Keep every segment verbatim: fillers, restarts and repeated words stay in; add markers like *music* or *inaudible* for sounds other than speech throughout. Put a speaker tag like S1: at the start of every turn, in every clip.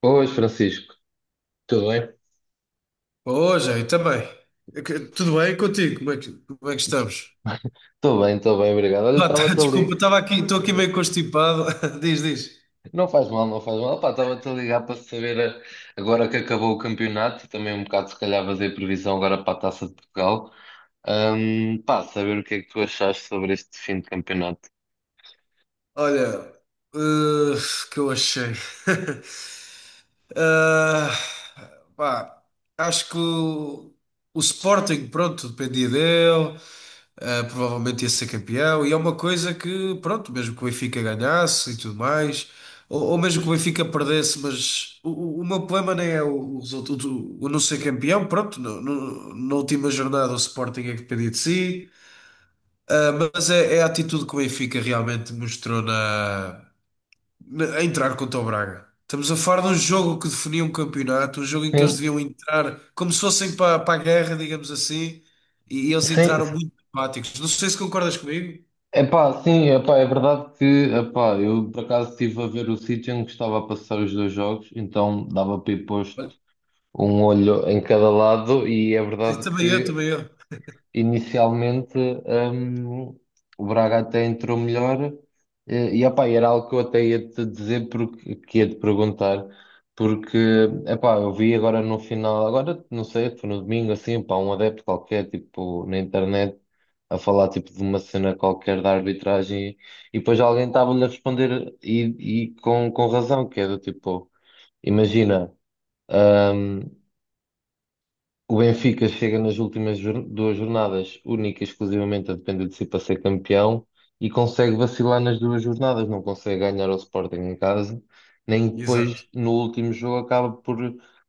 S1: Pois, Francisco, tudo bem?
S2: Ô, Jair, também. É que- Tudo bem contigo? Como é que, como é que estamos?
S1: Estou bem, estou bem, obrigado. Olha,
S2: Ah, tá, *laughs*
S1: estava-te a
S2: desculpa,
S1: ligar.
S2: estava aqui, estou aqui
S1: eh,
S2: meio constipado. *laughs* Diz, diz.
S1: Não faz mal, não faz mal. Pá, estava-te a ligar para saber, eh, agora que acabou o campeonato, também um bocado se calhar fazer previsão agora para a Taça de Portugal. Ahm, pá, saber o que é que tu achaste sobre este fim de campeonato.
S2: Olha, eh, que eu achei. *laughs* ah pá, acho que o, o Sporting, pronto, dependia dele. Uh, provavelmente ia ser campeão, e é uma coisa que, pronto, mesmo que o Benfica ganhasse e tudo mais, ou, ou mesmo que o Benfica perdesse, mas o, o- o meu problema nem é o, o resultado, o, o não ser campeão, pronto, no, no- na última jornada o Sporting é que dependia de si. Uh, mas é, é a atitude que o Benfica realmente mostrou na, a entrar contra o Braga. Estamos a falar de um jogo que definia um campeonato, um jogo em que eles
S1: Sim,
S2: deviam entrar como se fossem para, para a guerra, digamos assim, e e eles
S1: sim.
S2: entraram muito apáticos. Não sei se concordas comigo.
S1: Epá, sim, epá, é verdade que epá, eu por acaso estive a ver o sítio em que estava a passar os dois jogos, então dava para ir posto
S2: Olha.
S1: um olho em cada lado e é verdade
S2: Também eu,
S1: que
S2: também eu.
S1: inicialmente, hum, o Braga até entrou melhor, eh, e epá, era algo que eu até ia te dizer porque que ia te perguntar porque epá, eu vi agora no final, agora não sei, foi no domingo assim, epá, um adepto qualquer tipo na internet a falar tipo de uma cena qualquer da arbitragem e depois alguém estava-lhe a responder e, e com, com razão, que é do tipo, imagina, hum, o Benfica chega nas últimas jor- duas jornadas, única e exclusivamente a depender de si para ser campeão, e consegue vacilar nas duas jornadas, não consegue ganhar ao Sporting em casa, nem
S2: Exato.
S1: depois no último jogo acaba por,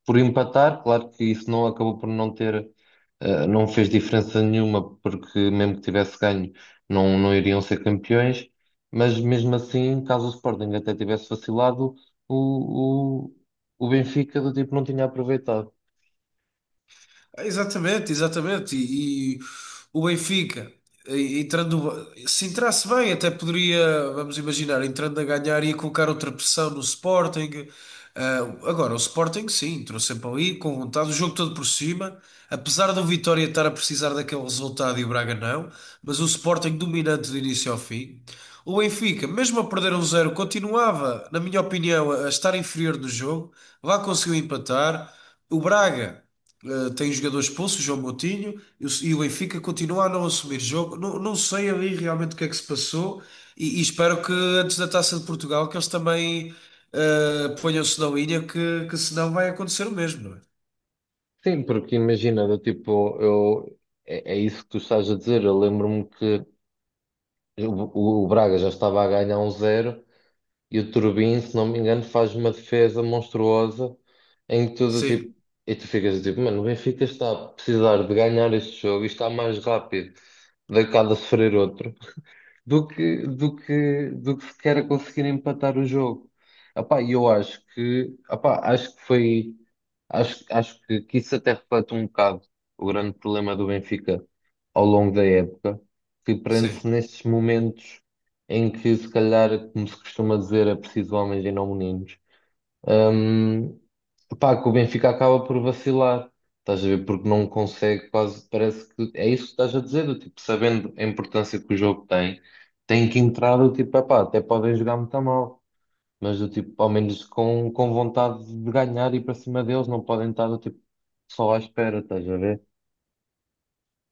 S1: por empatar. Claro que isso não acabou por não ter, eh, não fez diferença nenhuma, porque mesmo que tivesse ganho, não, não iriam ser campeões, mas mesmo assim, caso o Sporting até tivesse vacilado, o, o, o Benfica do tipo não tinha aproveitado.
S2: Exatamente, exatamente. E, e o Benfica, e- entrando, se entrasse bem, até poderia, vamos imaginar, entrando a ganhar, ia colocar outra pressão no Sporting. Ah, agora, o Sporting, sim, entrou sempre ali, com vontade, o jogo todo por cima. Apesar do Vitória estar a precisar daquele resultado e o Braga não, mas o Sporting dominante do início ao fim. O Benfica, mesmo a perder um zero, continuava, na minha opinião, a a estar inferior no jogo. Lá conseguiu empatar. O Braga. Uh, tem jogadores expulso, João Moutinho, e o e o Benfica continua a não assumir jogo. Não, não sei ali realmente o que é que se passou e, e espero que antes da Taça de Portugal que eles também uh, ponham-se na linha, que, que senão vai acontecer o mesmo, não é?
S1: Sim, porque imagina, do tipo, eu, é, é isso que tu estás a dizer. Eu lembro-me que o, o Braga já estava a ganhar um zero e o Turbin, se não me engano, faz uma defesa monstruosa em tudo
S2: Sim,
S1: tipo. E tu ficas do tipo, mano, o Benfica está a precisar de ganhar este jogo e está mais rápido de cada sofrer outro do que, do que, do que sequer a conseguir empatar o jogo. Epá, e eu acho que, epá, acho que foi, acho, acho que, que isso até reflete um bocado o grande problema do Benfica ao longo da época, que prende-se
S2: sim.
S1: nestes momentos em que, se calhar, como se costuma dizer, é preciso homens e não meninos. Hum, Pá, que o Benfica acaba por vacilar, estás a ver? Porque não consegue, quase parece que é isso que estás a dizer, do tipo, sabendo a importância que o jogo tem, tem que entrar do tipo, epá, até podem jogar muito mal, mas do tipo, ao menos com, com vontade de ganhar e para cima deles, não podem estar do tipo, só à espera, estás a ver?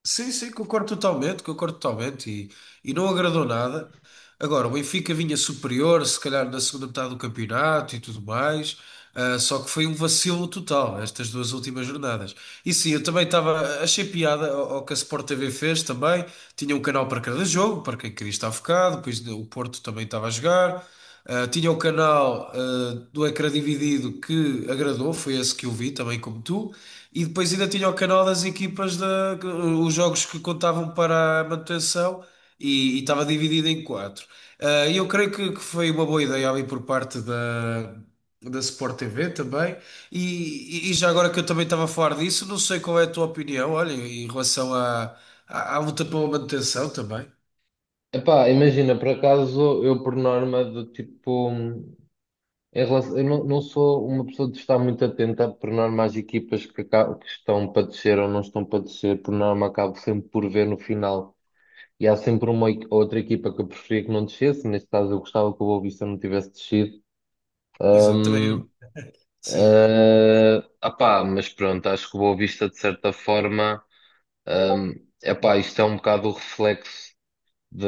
S2: Sim, sim, concordo totalmente, concordo totalmente e, e não agradou nada. Agora, o Benfica vinha superior, se calhar na segunda metade do campeonato e tudo mais, ah, só que foi um vacilo total estas duas últimas jornadas. E sim, eu também estava, achei piada ao, ao que a Sport T V fez também, tinha um canal para cada jogo, para quem queria estar focado, depois o Porto também estava a jogar. Uh, tinha o canal uh, do Ecrã Dividido que agradou, foi esse que eu vi, também como tu. E depois ainda tinha o canal das equipas, da, os jogos que contavam para a manutenção e e estava dividido em quatro. Uh, E eu creio que, que foi uma boa ideia ali por parte da, da Sport T V também. E, e- e já agora que eu também estava a falar disso, não sei qual é a tua opinião, olha, em relação à, à, à luta pela manutenção também.
S1: Epá, imagina, por acaso eu por norma do tipo. Em relação- eu não, não sou uma pessoa de estar muito atenta, por norma, às equipas que, aca- que estão para descer ou não estão para descer, por norma, acabo sempre por ver no final. E há sempre uma equi- outra equipa que eu preferia que não descesse, neste caso eu gostava que o Boa Vista não tivesse descido.
S2: Exato, também
S1: Hum,
S2: eu. Sim,
S1: eh, apá, mas pronto, acho que o Boa Vista, de certa forma, hum, epá, isto é um bocado o reflexo de,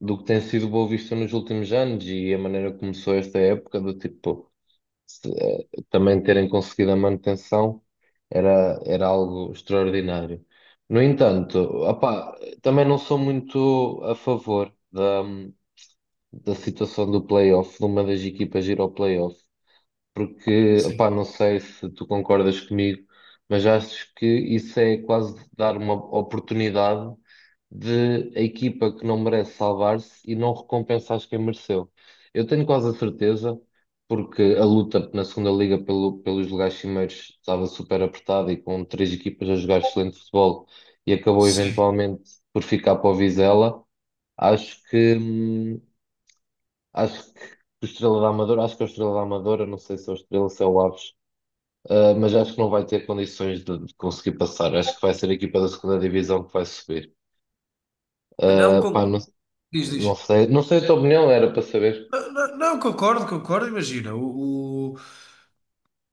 S1: do que tem sido o Boa Vista nos últimos anos e a maneira que começou esta época, do tipo, se- eh, também terem conseguido a manutenção era, era algo extraordinário. No entanto, opá, também não sou muito a favor da, da situação do playoff, de uma das equipas ir ao playoff, porque,
S2: sim,
S1: opá, não sei se tu concordas comigo, mas acho que isso é quase dar uma oportunidade de a equipa que não merece salvar-se e não recompensar quem mereceu. Eu tenho quase a certeza, porque a luta na segunda liga pelo- pelos lugares cimeiros estava super apertada e com três equipas a jogar excelente futebol e acabou
S2: sim.
S1: eventualmente por ficar para o Vizela. Acho que, hum, acho que o Estrela da Amadora, acho que é o Estrela da Amadora, não sei se é o Estrela, se é o Aves. Uh, mas acho que não vai ter condições de, de conseguir passar. Acho que vai ser a equipa da segunda divisão que vai subir.
S2: Não,
S1: Uh,
S2: con-
S1: pá, não,
S2: diz,
S1: não
S2: diz.
S1: sei, não sei a tua opinião, era para saber.
S2: Não, não, não, concordo, concordo. Imagina, o, o,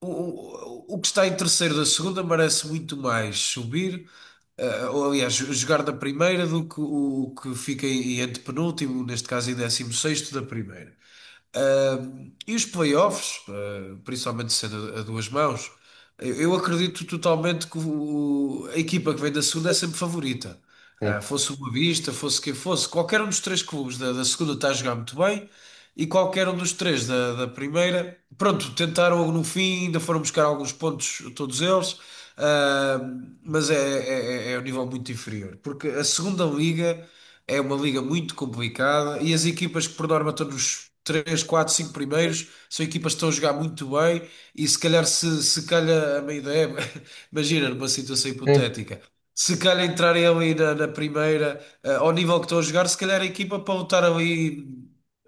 S2: o, o que está em terceiro da segunda merece muito mais subir, eh, ou aliás, jo- jogar da primeira do que o, o que fica em antepenúltimo, neste caso em décimo sexto da primeira. Um, e os playoffs, uh, principalmente sendo a a duas mãos, eu eu acredito totalmente que o- a equipa que vem da segunda é sempre favorita.
S1: Sim,
S2: Uh, fosse o Boa Vista, fosse quem fosse, qualquer um dos três clubes da, da segunda está a jogar muito bem e qualquer um dos três da, da primeira, pronto, tentaram no fim, ainda foram buscar alguns pontos, todos eles, uh, mas é, é, é é um nível muito inferior, porque a segunda liga. É uma liga muito complicada e as equipas que por norma estão nos três, quatro, cinco primeiros são equipas que estão a jogar muito bem e se calhar se, se calha a meio da época, *laughs* imagina numa situação
S1: sim,
S2: hipotética, se calhar entrarem ali na, na primeira, eh, ao nível que estão a jogar, se calhar a equipa para lutar ali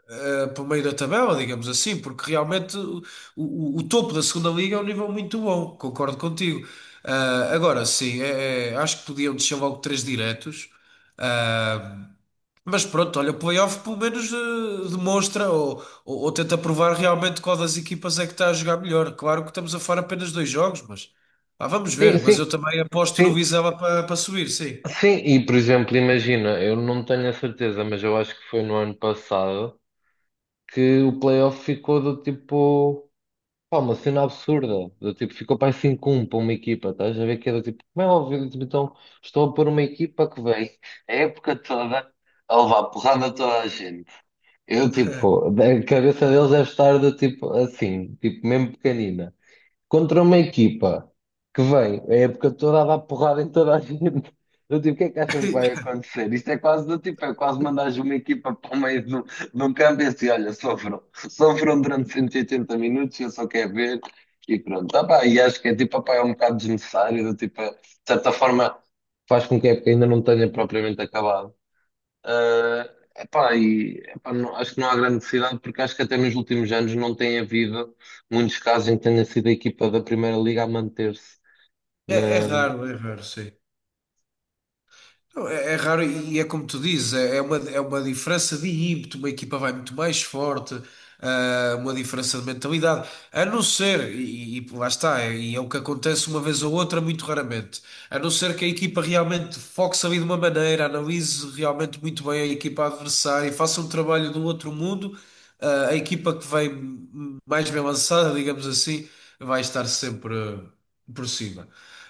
S2: eh, para o meio da tabela, digamos assim, porque realmente o, o- o topo da segunda liga é um nível muito bom, concordo contigo. Ah, agora sim, é- é, acho que podiam descer logo três diretos. eh, mas pronto, olha, o playoff pelo menos eh, demonstra ou, ou, ou tenta provar realmente qual das equipas é que está a jogar melhor. Claro que estamos a falar apenas dois jogos, mas ah, vamos
S1: sim,
S2: ver. Mas
S1: sim,
S2: eu também aposto no
S1: sim.
S2: Vizela para para subir, sim.
S1: Sim, e por exemplo, imagina, eu não tenho a certeza, mas eu acho que foi no ano passado que o playoff ficou do tipo, pá, uma cena absurda. Do tipo, ficou para 5 um para uma equipa, estás a ver que era tipo, como é óbvio, tipo, então estou a pôr uma equipa que vem a época toda a levar porrada a toda a gente. Eu, tipo, a cabeça deles deve estar do tipo assim, tipo, mesmo pequenina, contra uma equipa que vem é a época toda a dar porrada em toda a gente. Eu tipo, o que é que acham que vai
S2: *laughs*
S1: acontecer? Isto é quase do tipo, é quase mandares uma equipa para o meio do, do campo e assim, olha, sofram, sofram durante cento e oitenta minutos, eu só quero ver e pronto. Tá, pá, e acho que é tipo, opá, é um bocado desnecessário, do tipo, de certa forma faz com que a época ainda não tenha propriamente acabado. Ah, epá, e, epá, não- acho que não há grande necessidade, porque acho que até nos últimos anos não tem havido muitos casos em que tenha sido a equipa da Primeira Liga a manter-se
S2: É, é
S1: na...
S2: raro, é raro, sim. Não, é, é raro e é como tu dizes, é é uma, é uma diferença de ímpeto, uma equipa vai muito mais forte, ah, uma diferença de mentalidade, a não ser, e, e lá está, é- e é o que acontece uma vez ou outra, muito raramente, a não ser que a equipa realmente foque-se ali de uma maneira, analise realmente muito bem a equipa adversária e faça um trabalho do outro mundo, ah, a equipa que vem mais bem lançada, digamos assim, vai estar sempre por cima.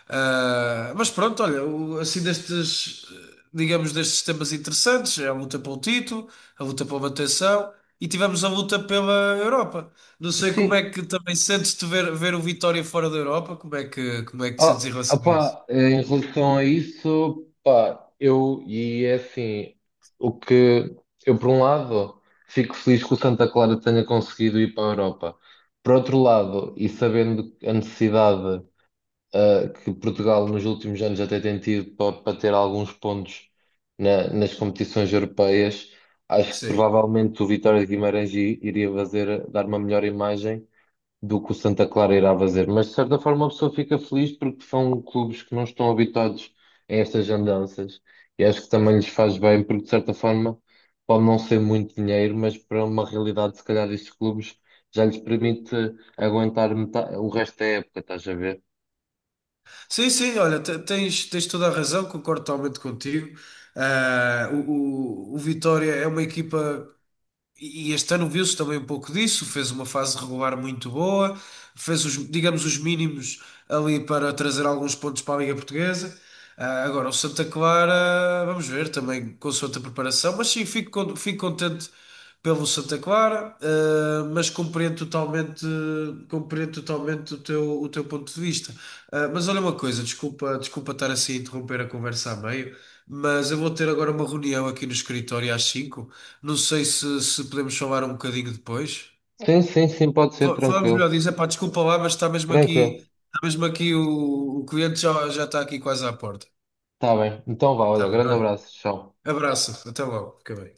S2: Ah, mas pronto, olha, o- assim destes, digamos, destes temas interessantes, é a luta pelo título, a luta pela manutenção e tivemos a luta pela Europa. Não sei como
S1: Sim,
S2: é que também sentes-te ver, ver o Vitória fora da Europa, como é que, como é que te sentes em
S1: ó,
S2: relação a isso?
S1: opá, em relação a isso, pá, eu, e é assim, o que eu, por um lado, fico feliz que o Santa Clara tenha conseguido ir para a Europa. Por outro lado, e sabendo a necessidade. Uh, que Portugal nos últimos anos até tem tido para ter alguns pontos na- nas competições europeias, acho que
S2: Sim.
S1: provavelmente o Vitória de Guimarães i- iria fazer, dar uma melhor imagem do que o Santa Clara irá fazer. Mas de certa forma a pessoa fica feliz porque são clubes que não estão habituados a estas andanças e acho que também lhes faz bem porque de certa forma pode não ser muito dinheiro, mas para uma realidade se calhar destes clubes já lhes permite aguentar metade, o resto da época, estás a ver?
S2: Sim, sim, olha, te- tens, tens toda a razão, concordo totalmente contigo. Ah, o, o, o Vitória é uma equipa. E este ano viu-se também um pouco disso, fez uma fase regular muito boa, fez os, digamos, os mínimos ali para trazer alguns pontos para a Liga Portuguesa. Ah, agora, o Santa Clara, vamos ver também com a sua preparação, mas sim, fico, con- fico contente pelo Santa Clara, ah, mas compreendo totalmente, compreendo totalmente o teu, o teu ponto de vista. Ah, mas olha uma coisa, desculpa, desculpa estar assim a interromper a conversa a meio, mas eu vou ter agora uma reunião aqui no escritório às cinco, não sei se, se podemos falar um bocadinho depois.
S1: Sim, sim, sim, pode ser,
S2: Fa- Falamos melhor
S1: tranquilo.
S2: disso. Epá, desculpa lá, mas está mesmo aqui,
S1: Tranquilo.
S2: está mesmo aqui o, o cliente já, já está aqui quase à porta.
S1: Tá bem. Então vá,
S2: Está
S1: olha,
S2: bem,
S1: grande
S2: olha.
S1: abraço. Tchau.
S2: Abraço, até logo, fica bem.